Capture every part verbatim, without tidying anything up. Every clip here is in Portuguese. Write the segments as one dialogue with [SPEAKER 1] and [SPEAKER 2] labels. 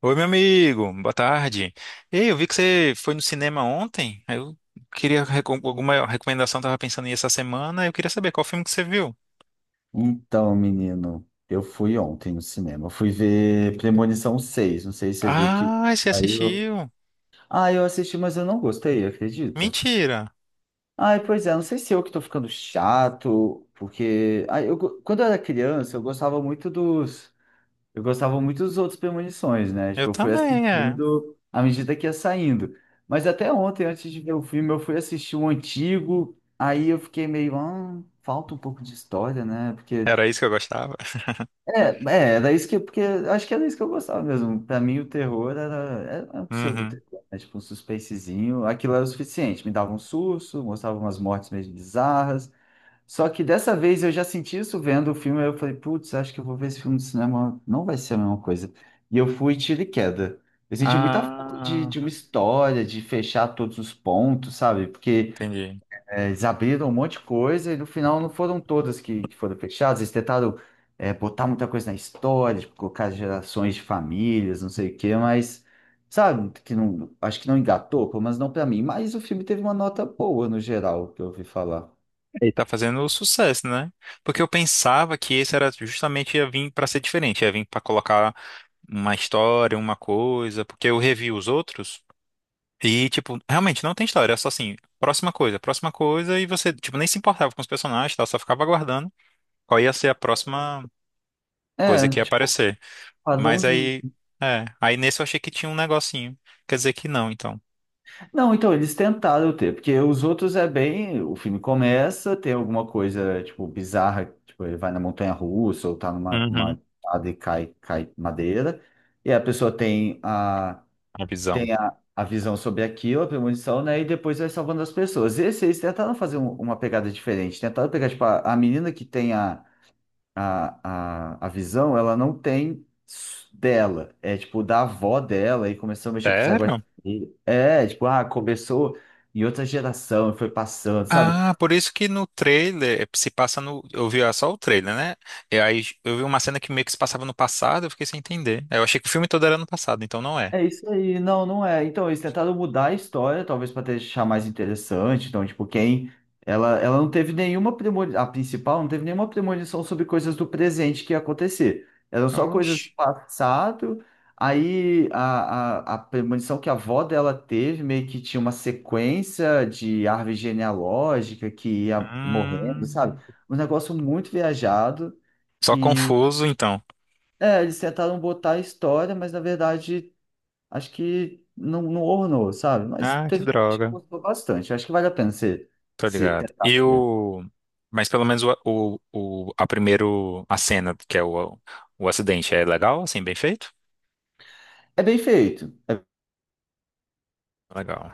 [SPEAKER 1] Oi, meu amigo, boa tarde. Ei, eu vi que você foi no cinema ontem. Aí Eu queria recom- alguma recomendação, tava pensando em ir essa semana. Eu queria saber qual filme que você viu.
[SPEAKER 2] Então, menino, eu fui ontem no cinema. Eu fui ver Premonição seis. Não sei se você viu que
[SPEAKER 1] Ah, você
[SPEAKER 2] saiu.
[SPEAKER 1] assistiu?
[SPEAKER 2] Ah, eu assisti, mas eu não gostei, acredita?
[SPEAKER 1] Mentira.
[SPEAKER 2] Ai, pois é, não sei se eu que tô ficando chato, porque ai, eu go- quando eu era criança, eu gostava muito dos. Eu gostava muito dos outros Premonições, né?
[SPEAKER 1] Eu
[SPEAKER 2] Tipo, eu fui
[SPEAKER 1] também, é.
[SPEAKER 2] assistindo à medida que ia saindo. Mas até ontem, antes de ver o filme, eu fui assistir o antigo. Aí eu fiquei meio, ah, falta um pouco de história, né? Porque
[SPEAKER 1] Era isso que eu gostava.
[SPEAKER 2] É, é, era isso que, porque acho que era isso que eu gostava mesmo. Pra mim, o terror era, era um
[SPEAKER 1] Uhum.
[SPEAKER 2] pseudo-terror, né? Tipo um suspensezinho. Aquilo era o suficiente. Me dava um susto, mostrava umas mortes meio bizarras. Só que dessa vez eu já senti isso vendo o filme. Aí eu falei, putz, acho que eu vou ver esse filme no cinema. Não vai ser a mesma coisa. E eu fui tiro e queda. Eu senti muita falta de,
[SPEAKER 1] Ah,
[SPEAKER 2] de uma história, de fechar todos os pontos, sabe? Porque.
[SPEAKER 1] entendi.
[SPEAKER 2] É, eles abriram um monte de coisa e no final não foram todas que, que foram fechadas. Eles tentaram é, botar muita coisa na história, tipo, colocar gerações de famílias, não sei o quê, mas sabe, que não, acho que não engatou, pelo menos não pra mim. Mas o filme teve uma nota boa no geral, que eu ouvi falar.
[SPEAKER 1] E tá fazendo sucesso, né? Porque eu pensava que esse era justamente ia vir pra ser diferente, ia vir pra colocar uma história, uma coisa, porque eu revi os outros. E, tipo, realmente não tem história, é só assim, próxima coisa, próxima coisa, e você, tipo, nem se importava com os personagens, tá? Só ficava aguardando qual ia ser a próxima coisa
[SPEAKER 2] É,
[SPEAKER 1] que ia
[SPEAKER 2] tipo,
[SPEAKER 1] aparecer. Mas
[SPEAKER 2] padrãozinho.
[SPEAKER 1] aí, é, aí nesse eu achei que tinha um negocinho. Quer dizer que não, então.
[SPEAKER 2] Não, então eles tentaram ter, porque os outros é bem. O filme começa, tem alguma coisa, tipo, bizarra, tipo, ele vai na montanha-russa ou tá numa uma,
[SPEAKER 1] Uhum,
[SPEAKER 2] escada e cai, cai madeira, e a pessoa tem a,
[SPEAKER 1] a visão.
[SPEAKER 2] tem a visão sobre aquilo, a premonição, né? E depois vai salvando as pessoas. Esse, eles tentaram fazer um- uma pegada diferente, tentaram pegar, tipo, a, a menina que tem a a, a, a visão, ela não tem s- dela. É tipo da avó dela e começou a mexer com os negócios.
[SPEAKER 1] Sério?
[SPEAKER 2] E- É, tipo, ah, começou em outra geração e foi passando, sabe?
[SPEAKER 1] Ah, por isso que no trailer, eh, se passa no. Eu vi ah, só o trailer, né? E aí eu vi uma cena que meio que se passava no passado, eu fiquei sem entender. Eu achei que o filme todo era no passado, então não é.
[SPEAKER 2] É isso aí, não, não é. Então, eles tentaram mudar a história, talvez para deixar mais interessante. Então, tipo, quem. Ela, ela não teve nenhuma premonição, a principal não teve nenhuma premonição sobre coisas do presente que ia acontecer. Eram só coisas do
[SPEAKER 1] Oxi.
[SPEAKER 2] passado. Aí, a, a, a premonição que a avó dela teve meio que tinha uma sequência de árvore genealógica que ia morrendo,
[SPEAKER 1] Hum,
[SPEAKER 2] sabe? Um negócio muito viajado
[SPEAKER 1] só
[SPEAKER 2] que.
[SPEAKER 1] confuso, então.
[SPEAKER 2] É, eles tentaram botar a história, mas na verdade. Acho que não, não ornou, sabe? Mas
[SPEAKER 1] Ah, que
[SPEAKER 2] teve gente que
[SPEAKER 1] droga.
[SPEAKER 2] gostou bastante. Acho que vale a pena você
[SPEAKER 1] Tô
[SPEAKER 2] se
[SPEAKER 1] ligado.
[SPEAKER 2] tentar
[SPEAKER 1] E
[SPEAKER 2] ver.
[SPEAKER 1] o... Mas pelo menos o, o, o- a primeiro, a cena, que é o, o acidente, é legal, assim, bem feito?
[SPEAKER 2] É bem feito. É
[SPEAKER 1] Legal.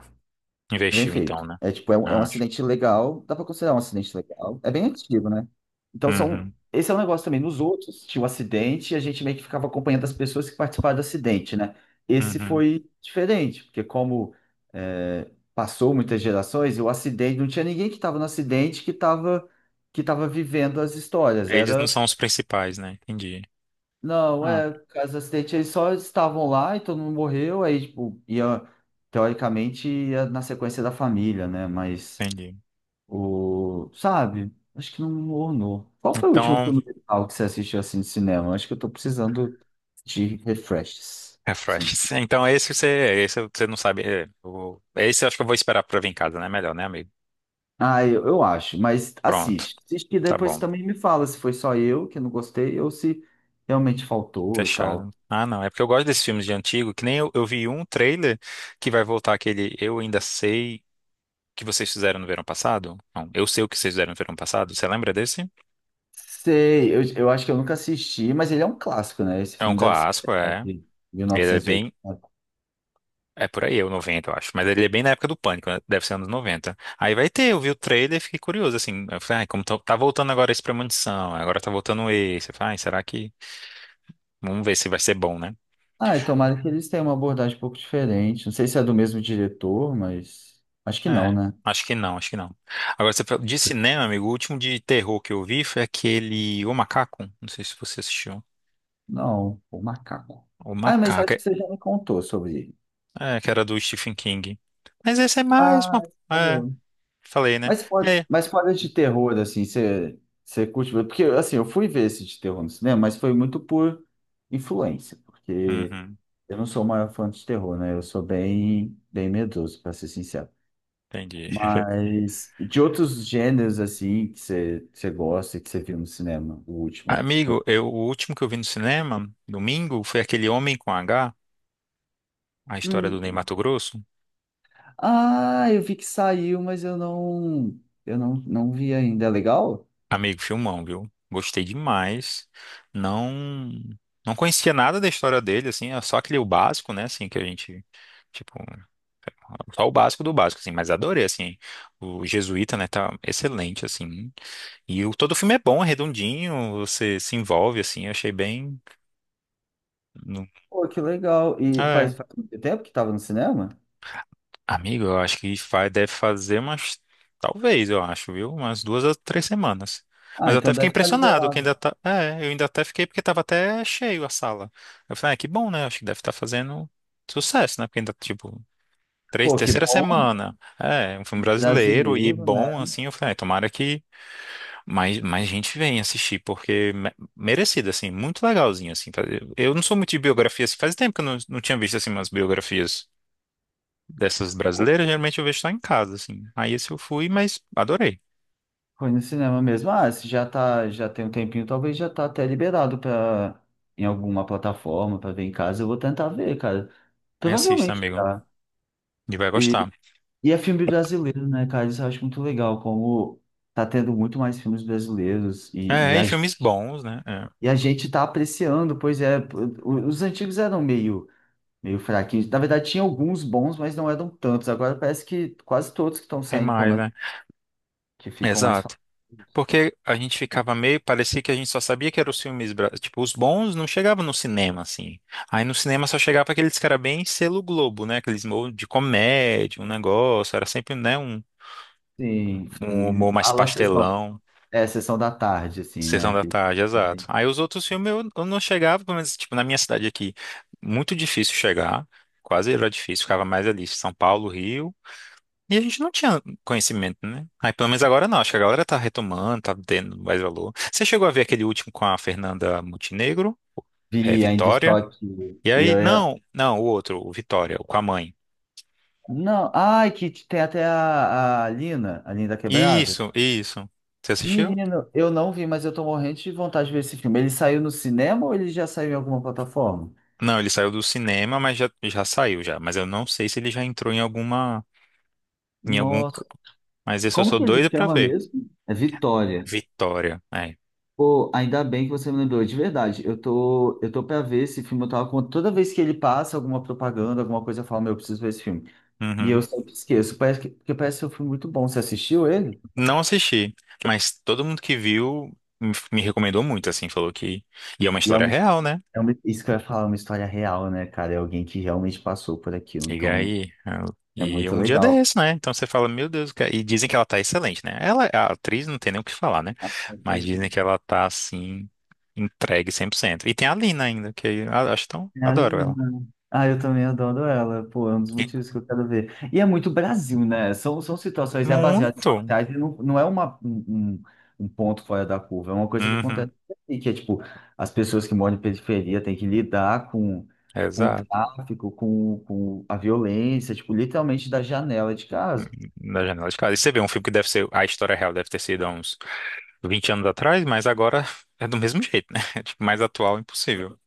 [SPEAKER 2] bem
[SPEAKER 1] Investiu então,
[SPEAKER 2] feito.
[SPEAKER 1] né?
[SPEAKER 2] É tipo, é um, é um
[SPEAKER 1] Ah, acho.
[SPEAKER 2] acidente legal. Dá pra considerar um acidente legal. É bem antigo, né? Então são.
[SPEAKER 1] Uhum,
[SPEAKER 2] Esse é um negócio também. Nos outros, tinha o acidente e a gente meio que ficava acompanhando as pessoas que participaram do acidente, né? Esse
[SPEAKER 1] uhum.
[SPEAKER 2] foi diferente, porque como é, passou muitas gerações, e o acidente, não tinha ninguém que estava no acidente que estava que estava vivendo as histórias.
[SPEAKER 1] Eles não
[SPEAKER 2] Era
[SPEAKER 1] são os principais, né? Entendi.
[SPEAKER 2] Não,
[SPEAKER 1] Ah,
[SPEAKER 2] é, por causa do acidente, eles só estavam lá e todo mundo morreu, aí, tipo, ia, teoricamente, ia na sequência da família, né? Mas,
[SPEAKER 1] entendi.
[SPEAKER 2] o, sabe? Acho que não ornou. Qual foi o último
[SPEAKER 1] Então,
[SPEAKER 2] filme musical que você assistiu, assim, de cinema? Acho que eu tô precisando de refreshes. Tô precisando.
[SPEAKER 1] refresh. Então esse você, esse você não sabe. É, o- esse eu acho que eu vou esperar pra vir em casa, né? Melhor, né, amigo?
[SPEAKER 2] Ah, eu, eu acho, mas
[SPEAKER 1] Pronto.
[SPEAKER 2] assiste. Assiste que
[SPEAKER 1] Tá
[SPEAKER 2] depois você
[SPEAKER 1] bom.
[SPEAKER 2] também me fala se foi só eu que não gostei ou se realmente faltou e tal.
[SPEAKER 1] Fechado. Ah, não. É porque eu gosto desses filmes de antigo, que nem eu, eu vi um trailer que vai voltar aquele Eu Ainda Sei que vocês fizeram no verão passado. Não, Eu Sei o que vocês fizeram no verão passado. Você lembra desse?
[SPEAKER 2] Sei, eu, eu acho que eu nunca assisti, mas ele é um clássico, né? Esse
[SPEAKER 1] É um
[SPEAKER 2] filme deve ser, sei
[SPEAKER 1] clássico,
[SPEAKER 2] lá,
[SPEAKER 1] é.
[SPEAKER 2] de
[SPEAKER 1] Ele é bem.
[SPEAKER 2] mil novecentos e oitenta.
[SPEAKER 1] É por aí, é o noventa eu acho. Mas ele é bem na época do Pânico, né? Deve ser anos noventa. Aí vai ter, eu vi o trailer e fiquei curioso, assim. Eu falei, ai, como tá, tá voltando agora esse Premonição, agora tá voltando esse. Eu falei, ai, será que. Vamos ver se vai ser bom, né?
[SPEAKER 2] Ah, e tomara que eles tenham uma abordagem um pouco diferente. Não sei se é do mesmo diretor, mas acho que não,
[SPEAKER 1] É,
[SPEAKER 2] né?
[SPEAKER 1] acho que não, acho que não. Agora, você fa- de cinema, amigo, o último de terror que eu vi foi aquele O Macaco. Não sei se você assistiu.
[SPEAKER 2] Não, o macaco.
[SPEAKER 1] O
[SPEAKER 2] Ah, mas
[SPEAKER 1] Macaco.
[SPEAKER 2] acho que
[SPEAKER 1] É,
[SPEAKER 2] você já me contou sobre ele.
[SPEAKER 1] é, que era do Stephen King. Mas esse é mais
[SPEAKER 2] Ah,
[SPEAKER 1] uma.
[SPEAKER 2] por
[SPEAKER 1] É,
[SPEAKER 2] favor.
[SPEAKER 1] falei, né?
[SPEAKER 2] Mas, por-
[SPEAKER 1] É.
[SPEAKER 2] mas fora de terror, assim, você você curte ver? Porque, assim, eu fui ver esse de terror no cinema, mas foi muito por influência, porque
[SPEAKER 1] Uhum,
[SPEAKER 2] eu não sou o maior fã de terror, né? Eu sou bem, bem medroso, para ser sincero.
[SPEAKER 1] entendi.
[SPEAKER 2] Mas de outros gêneros, assim, que você você gosta, que você viu no cinema, o último.
[SPEAKER 1] Amigo, eu, o último que eu vi no cinema, domingo, foi aquele Homem com H, a história do Ney
[SPEAKER 2] Hum.
[SPEAKER 1] Matogrosso.
[SPEAKER 2] Ah, eu vi que saiu, mas eu não, eu não, não vi ainda. É legal?
[SPEAKER 1] Amigo, filmão, viu? Gostei demais. Não. Não conhecia nada da história dele, assim, é só aquele o básico, né, assim, que a gente, tipo, só o básico do básico, assim, mas adorei, assim, o Jesuíta, né, tá excelente, assim, e o, todo o filme é bom, é redondinho, você se envolve, assim, eu achei bem, no-
[SPEAKER 2] Pô, que legal. E
[SPEAKER 1] é,
[SPEAKER 2] faz, faz muito tempo que estava no cinema?
[SPEAKER 1] amigo, eu acho que vai, deve fazer umas, talvez, eu acho, viu, umas duas a três semanas, mas
[SPEAKER 2] Ah,
[SPEAKER 1] eu até
[SPEAKER 2] então
[SPEAKER 1] fiquei
[SPEAKER 2] deve estar
[SPEAKER 1] impressionado, que
[SPEAKER 2] liberado.
[SPEAKER 1] ainda tá, é, eu ainda até fiquei, porque tava até cheio a sala, eu falei, ah, que bom, né, acho que deve estar fazendo sucesso, né, porque ainda, tipo, três,
[SPEAKER 2] Pô, que
[SPEAKER 1] terceira
[SPEAKER 2] bom,
[SPEAKER 1] semana, é, um filme brasileiro e
[SPEAKER 2] brasileiro,
[SPEAKER 1] bom,
[SPEAKER 2] né?
[SPEAKER 1] assim, eu falei, ah, tomara que mais, mais gente vem assistir, porque me- merecido, assim, muito legalzinho, assim. Fa- Eu não sou muito de biografia, assim, faz tempo que eu não, não tinha visto, assim, umas biografias dessas
[SPEAKER 2] Pô,
[SPEAKER 1] brasileiras, geralmente eu vejo só em casa, assim. Aí esse eu fui, mas adorei.
[SPEAKER 2] foi no cinema mesmo. Ah, se já tá, já tem um tempinho, talvez já tá até liberado para em alguma plataforma para ver em casa. Eu vou tentar ver, cara.
[SPEAKER 1] Aí assista,
[SPEAKER 2] Provavelmente
[SPEAKER 1] amigo,
[SPEAKER 2] tá.
[SPEAKER 1] e vai
[SPEAKER 2] E,
[SPEAKER 1] gostar.
[SPEAKER 2] e é filme brasileiro, né, cara? Isso eu acho muito legal, como tá tendo muito mais filmes brasileiros e, e,
[SPEAKER 1] É, e
[SPEAKER 2] a, gen-
[SPEAKER 1] filmes bons, né? É,
[SPEAKER 2] e a gente tá apreciando, pois é, p- o- os antigos eram meio, meio fraquinhos. Na verdade, tinha alguns bons, mas não eram tantos. Agora parece que quase todos que estão
[SPEAKER 1] tem
[SPEAKER 2] saindo, pelo
[SPEAKER 1] mais,
[SPEAKER 2] menos,
[SPEAKER 1] né?
[SPEAKER 2] que ficam mais
[SPEAKER 1] Exato.
[SPEAKER 2] famosos.
[SPEAKER 1] Porque a gente ficava meio, parecia que a gente só sabia que eram os filmes, bra- tipo, os bons não chegavam no cinema, assim. Aí no cinema só chegava aqueles que era bem selo Globo, né? Aqueles humor de comédia, um negócio, era sempre, né, um,
[SPEAKER 2] Sim,
[SPEAKER 1] um humor
[SPEAKER 2] sim.
[SPEAKER 1] mais
[SPEAKER 2] Lá na sessão,
[SPEAKER 1] pastelão,
[SPEAKER 2] é, sessão da tarde, assim,
[SPEAKER 1] sessão
[SPEAKER 2] né?
[SPEAKER 1] da
[SPEAKER 2] Que,
[SPEAKER 1] tarde, exato.
[SPEAKER 2] né,
[SPEAKER 1] Aí os outros filmes eu, eu não chegava, pelo menos, tipo, na minha cidade aqui, muito difícil chegar, quase era difícil, ficava mais ali, São Paulo, Rio. E a gente não tinha conhecimento, né? Aí pelo menos agora não, acho que a galera tá retomando, tá tendo mais valor. Você chegou a ver aquele último com a Fernanda Montenegro, é,
[SPEAKER 2] vi ainda
[SPEAKER 1] Vitória?
[SPEAKER 2] estoque
[SPEAKER 1] E
[SPEAKER 2] e
[SPEAKER 1] aí,
[SPEAKER 2] eu ia.
[SPEAKER 1] não, não, o outro, o Vitória, o com a mãe.
[SPEAKER 2] Não, ai, que tem até a, a Lina, a Linda Quebrada.
[SPEAKER 1] Isso, isso. Você assistiu?
[SPEAKER 2] Menino, eu não vi, mas eu tô morrendo de vontade de ver esse filme. Ele saiu no cinema ou ele já saiu em alguma plataforma?
[SPEAKER 1] Não, ele saiu do cinema, mas já, já saiu já. Mas eu não sei se ele já entrou em alguma, em algum.
[SPEAKER 2] Nossa,
[SPEAKER 1] c- Mas esse eu
[SPEAKER 2] como
[SPEAKER 1] sou
[SPEAKER 2] que ele
[SPEAKER 1] doido pra
[SPEAKER 2] chama
[SPEAKER 1] ver.
[SPEAKER 2] mesmo? É Vitória.
[SPEAKER 1] Vitória, é.
[SPEAKER 2] Pô, ainda bem que você me lembrou, de verdade. Eu tô, eu tô pra ver esse filme, eu tava com toda vez que ele passa alguma propaganda, alguma coisa, eu falo, meu, eu preciso ver esse filme. E eu
[SPEAKER 1] Uhum.
[SPEAKER 2] sempre esqueço. Parece que, porque parece que eu fui muito bom. Você assistiu ele?
[SPEAKER 1] Não assisti, mas todo mundo que viu me me recomendou muito, assim, falou que. E é uma
[SPEAKER 2] E é
[SPEAKER 1] história
[SPEAKER 2] uma,
[SPEAKER 1] real, né?
[SPEAKER 2] é uma, isso que eu ia falar, é uma história real, né, cara? É alguém que realmente passou por aquilo.
[SPEAKER 1] E
[SPEAKER 2] Então,
[SPEAKER 1] aí, eu-
[SPEAKER 2] é
[SPEAKER 1] e
[SPEAKER 2] muito
[SPEAKER 1] um dia
[SPEAKER 2] legal.
[SPEAKER 1] desse, né? Então você fala, meu Deus, cara. E dizem que ela tá excelente, né? Ela, a atriz não tem nem o que falar, né? Mas dizem que ela tá assim, entregue cem por cento. E tem a Lina ainda, que eu acho tão.
[SPEAKER 2] Senhora
[SPEAKER 1] Adoro ela.
[SPEAKER 2] Menina. Ah, eu também adoro ela. Pô, é um dos
[SPEAKER 1] E
[SPEAKER 2] motivos que eu quero ver. E é muito Brasil, né? São, são situações, é baseado em
[SPEAKER 1] muito!
[SPEAKER 2] fatais, e não, não é uma, um, um um ponto fora da curva, é uma coisa que
[SPEAKER 1] Uhum,
[SPEAKER 2] acontece aqui, que é tipo, as pessoas que moram em periferia têm que lidar com, com o
[SPEAKER 1] exato.
[SPEAKER 2] tráfico, com, com a violência, tipo, literalmente da janela de casa.
[SPEAKER 1] Na janela de casa. E você vê um filme que deve ser. A história real deve ter sido há uns vinte anos atrás, mas agora é do mesmo jeito, né? Tipo, mais atual, impossível.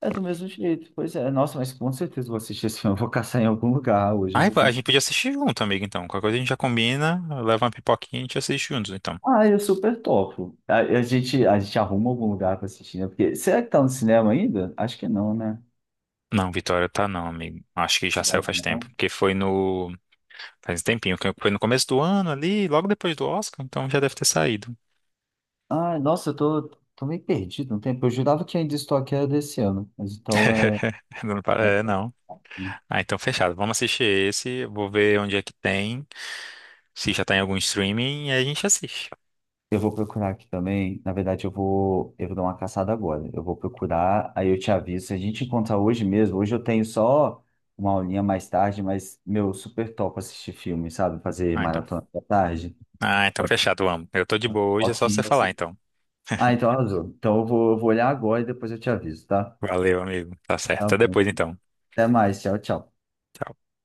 [SPEAKER 2] É do mesmo jeito. Pois é, nossa, mas com certeza eu vou assistir esse filme, eu vou caçar em algum lugar hoje, eu
[SPEAKER 1] Ai,
[SPEAKER 2] vou
[SPEAKER 1] a gente
[SPEAKER 2] conseguir.
[SPEAKER 1] podia assistir junto, amigo, então. Qualquer coisa a gente já combina, leva uma pipoquinha e a gente assiste juntos, então.
[SPEAKER 2] Ah, eu super topo. A, a gente, a gente arruma algum lugar pra assistir, né? Porque, será que tá no cinema ainda? Acho que não, né?
[SPEAKER 1] Não, Vitória tá não, amigo. Acho que já
[SPEAKER 2] Será
[SPEAKER 1] saiu
[SPEAKER 2] que
[SPEAKER 1] faz tempo.
[SPEAKER 2] não?
[SPEAKER 1] Porque foi no. Faz um tempinho, que foi no começo do ano ali, logo depois do Oscar, então já deve ter saído.
[SPEAKER 2] Ah, nossa, eu tô, tô meio perdido no tempo. Eu jurava que ainda estou aqui era desse ano, mas então é...
[SPEAKER 1] Não, pa- é,
[SPEAKER 2] é-
[SPEAKER 1] não. Ah, então fechado. Vamos assistir esse, vou ver onde é que tem, se já tá em algum streaming, e aí a gente assiste.
[SPEAKER 2] Eu vou procurar aqui também. Na verdade, eu vou, eu vou dar uma caçada agora. Eu vou procurar, aí eu te aviso. Se a gente encontrar hoje mesmo, hoje eu tenho só uma aulinha mais tarde, mas, meu, super top assistir filme, sabe? Fazer
[SPEAKER 1] Ah, então.
[SPEAKER 2] maratona da tarde.
[SPEAKER 1] Ah, então fechado, vamos. Eu tô de boa hoje, é
[SPEAKER 2] Ok,
[SPEAKER 1] só você falar, então.
[SPEAKER 2] ah, então arrasou. Então eu vou, eu vou olhar agora e depois eu te aviso, tá?
[SPEAKER 1] Valeu, amigo. Tá certo.
[SPEAKER 2] Tá
[SPEAKER 1] Até
[SPEAKER 2] bom.
[SPEAKER 1] depois, então.
[SPEAKER 2] Até mais. Tchau, tchau.
[SPEAKER 1] Tchau.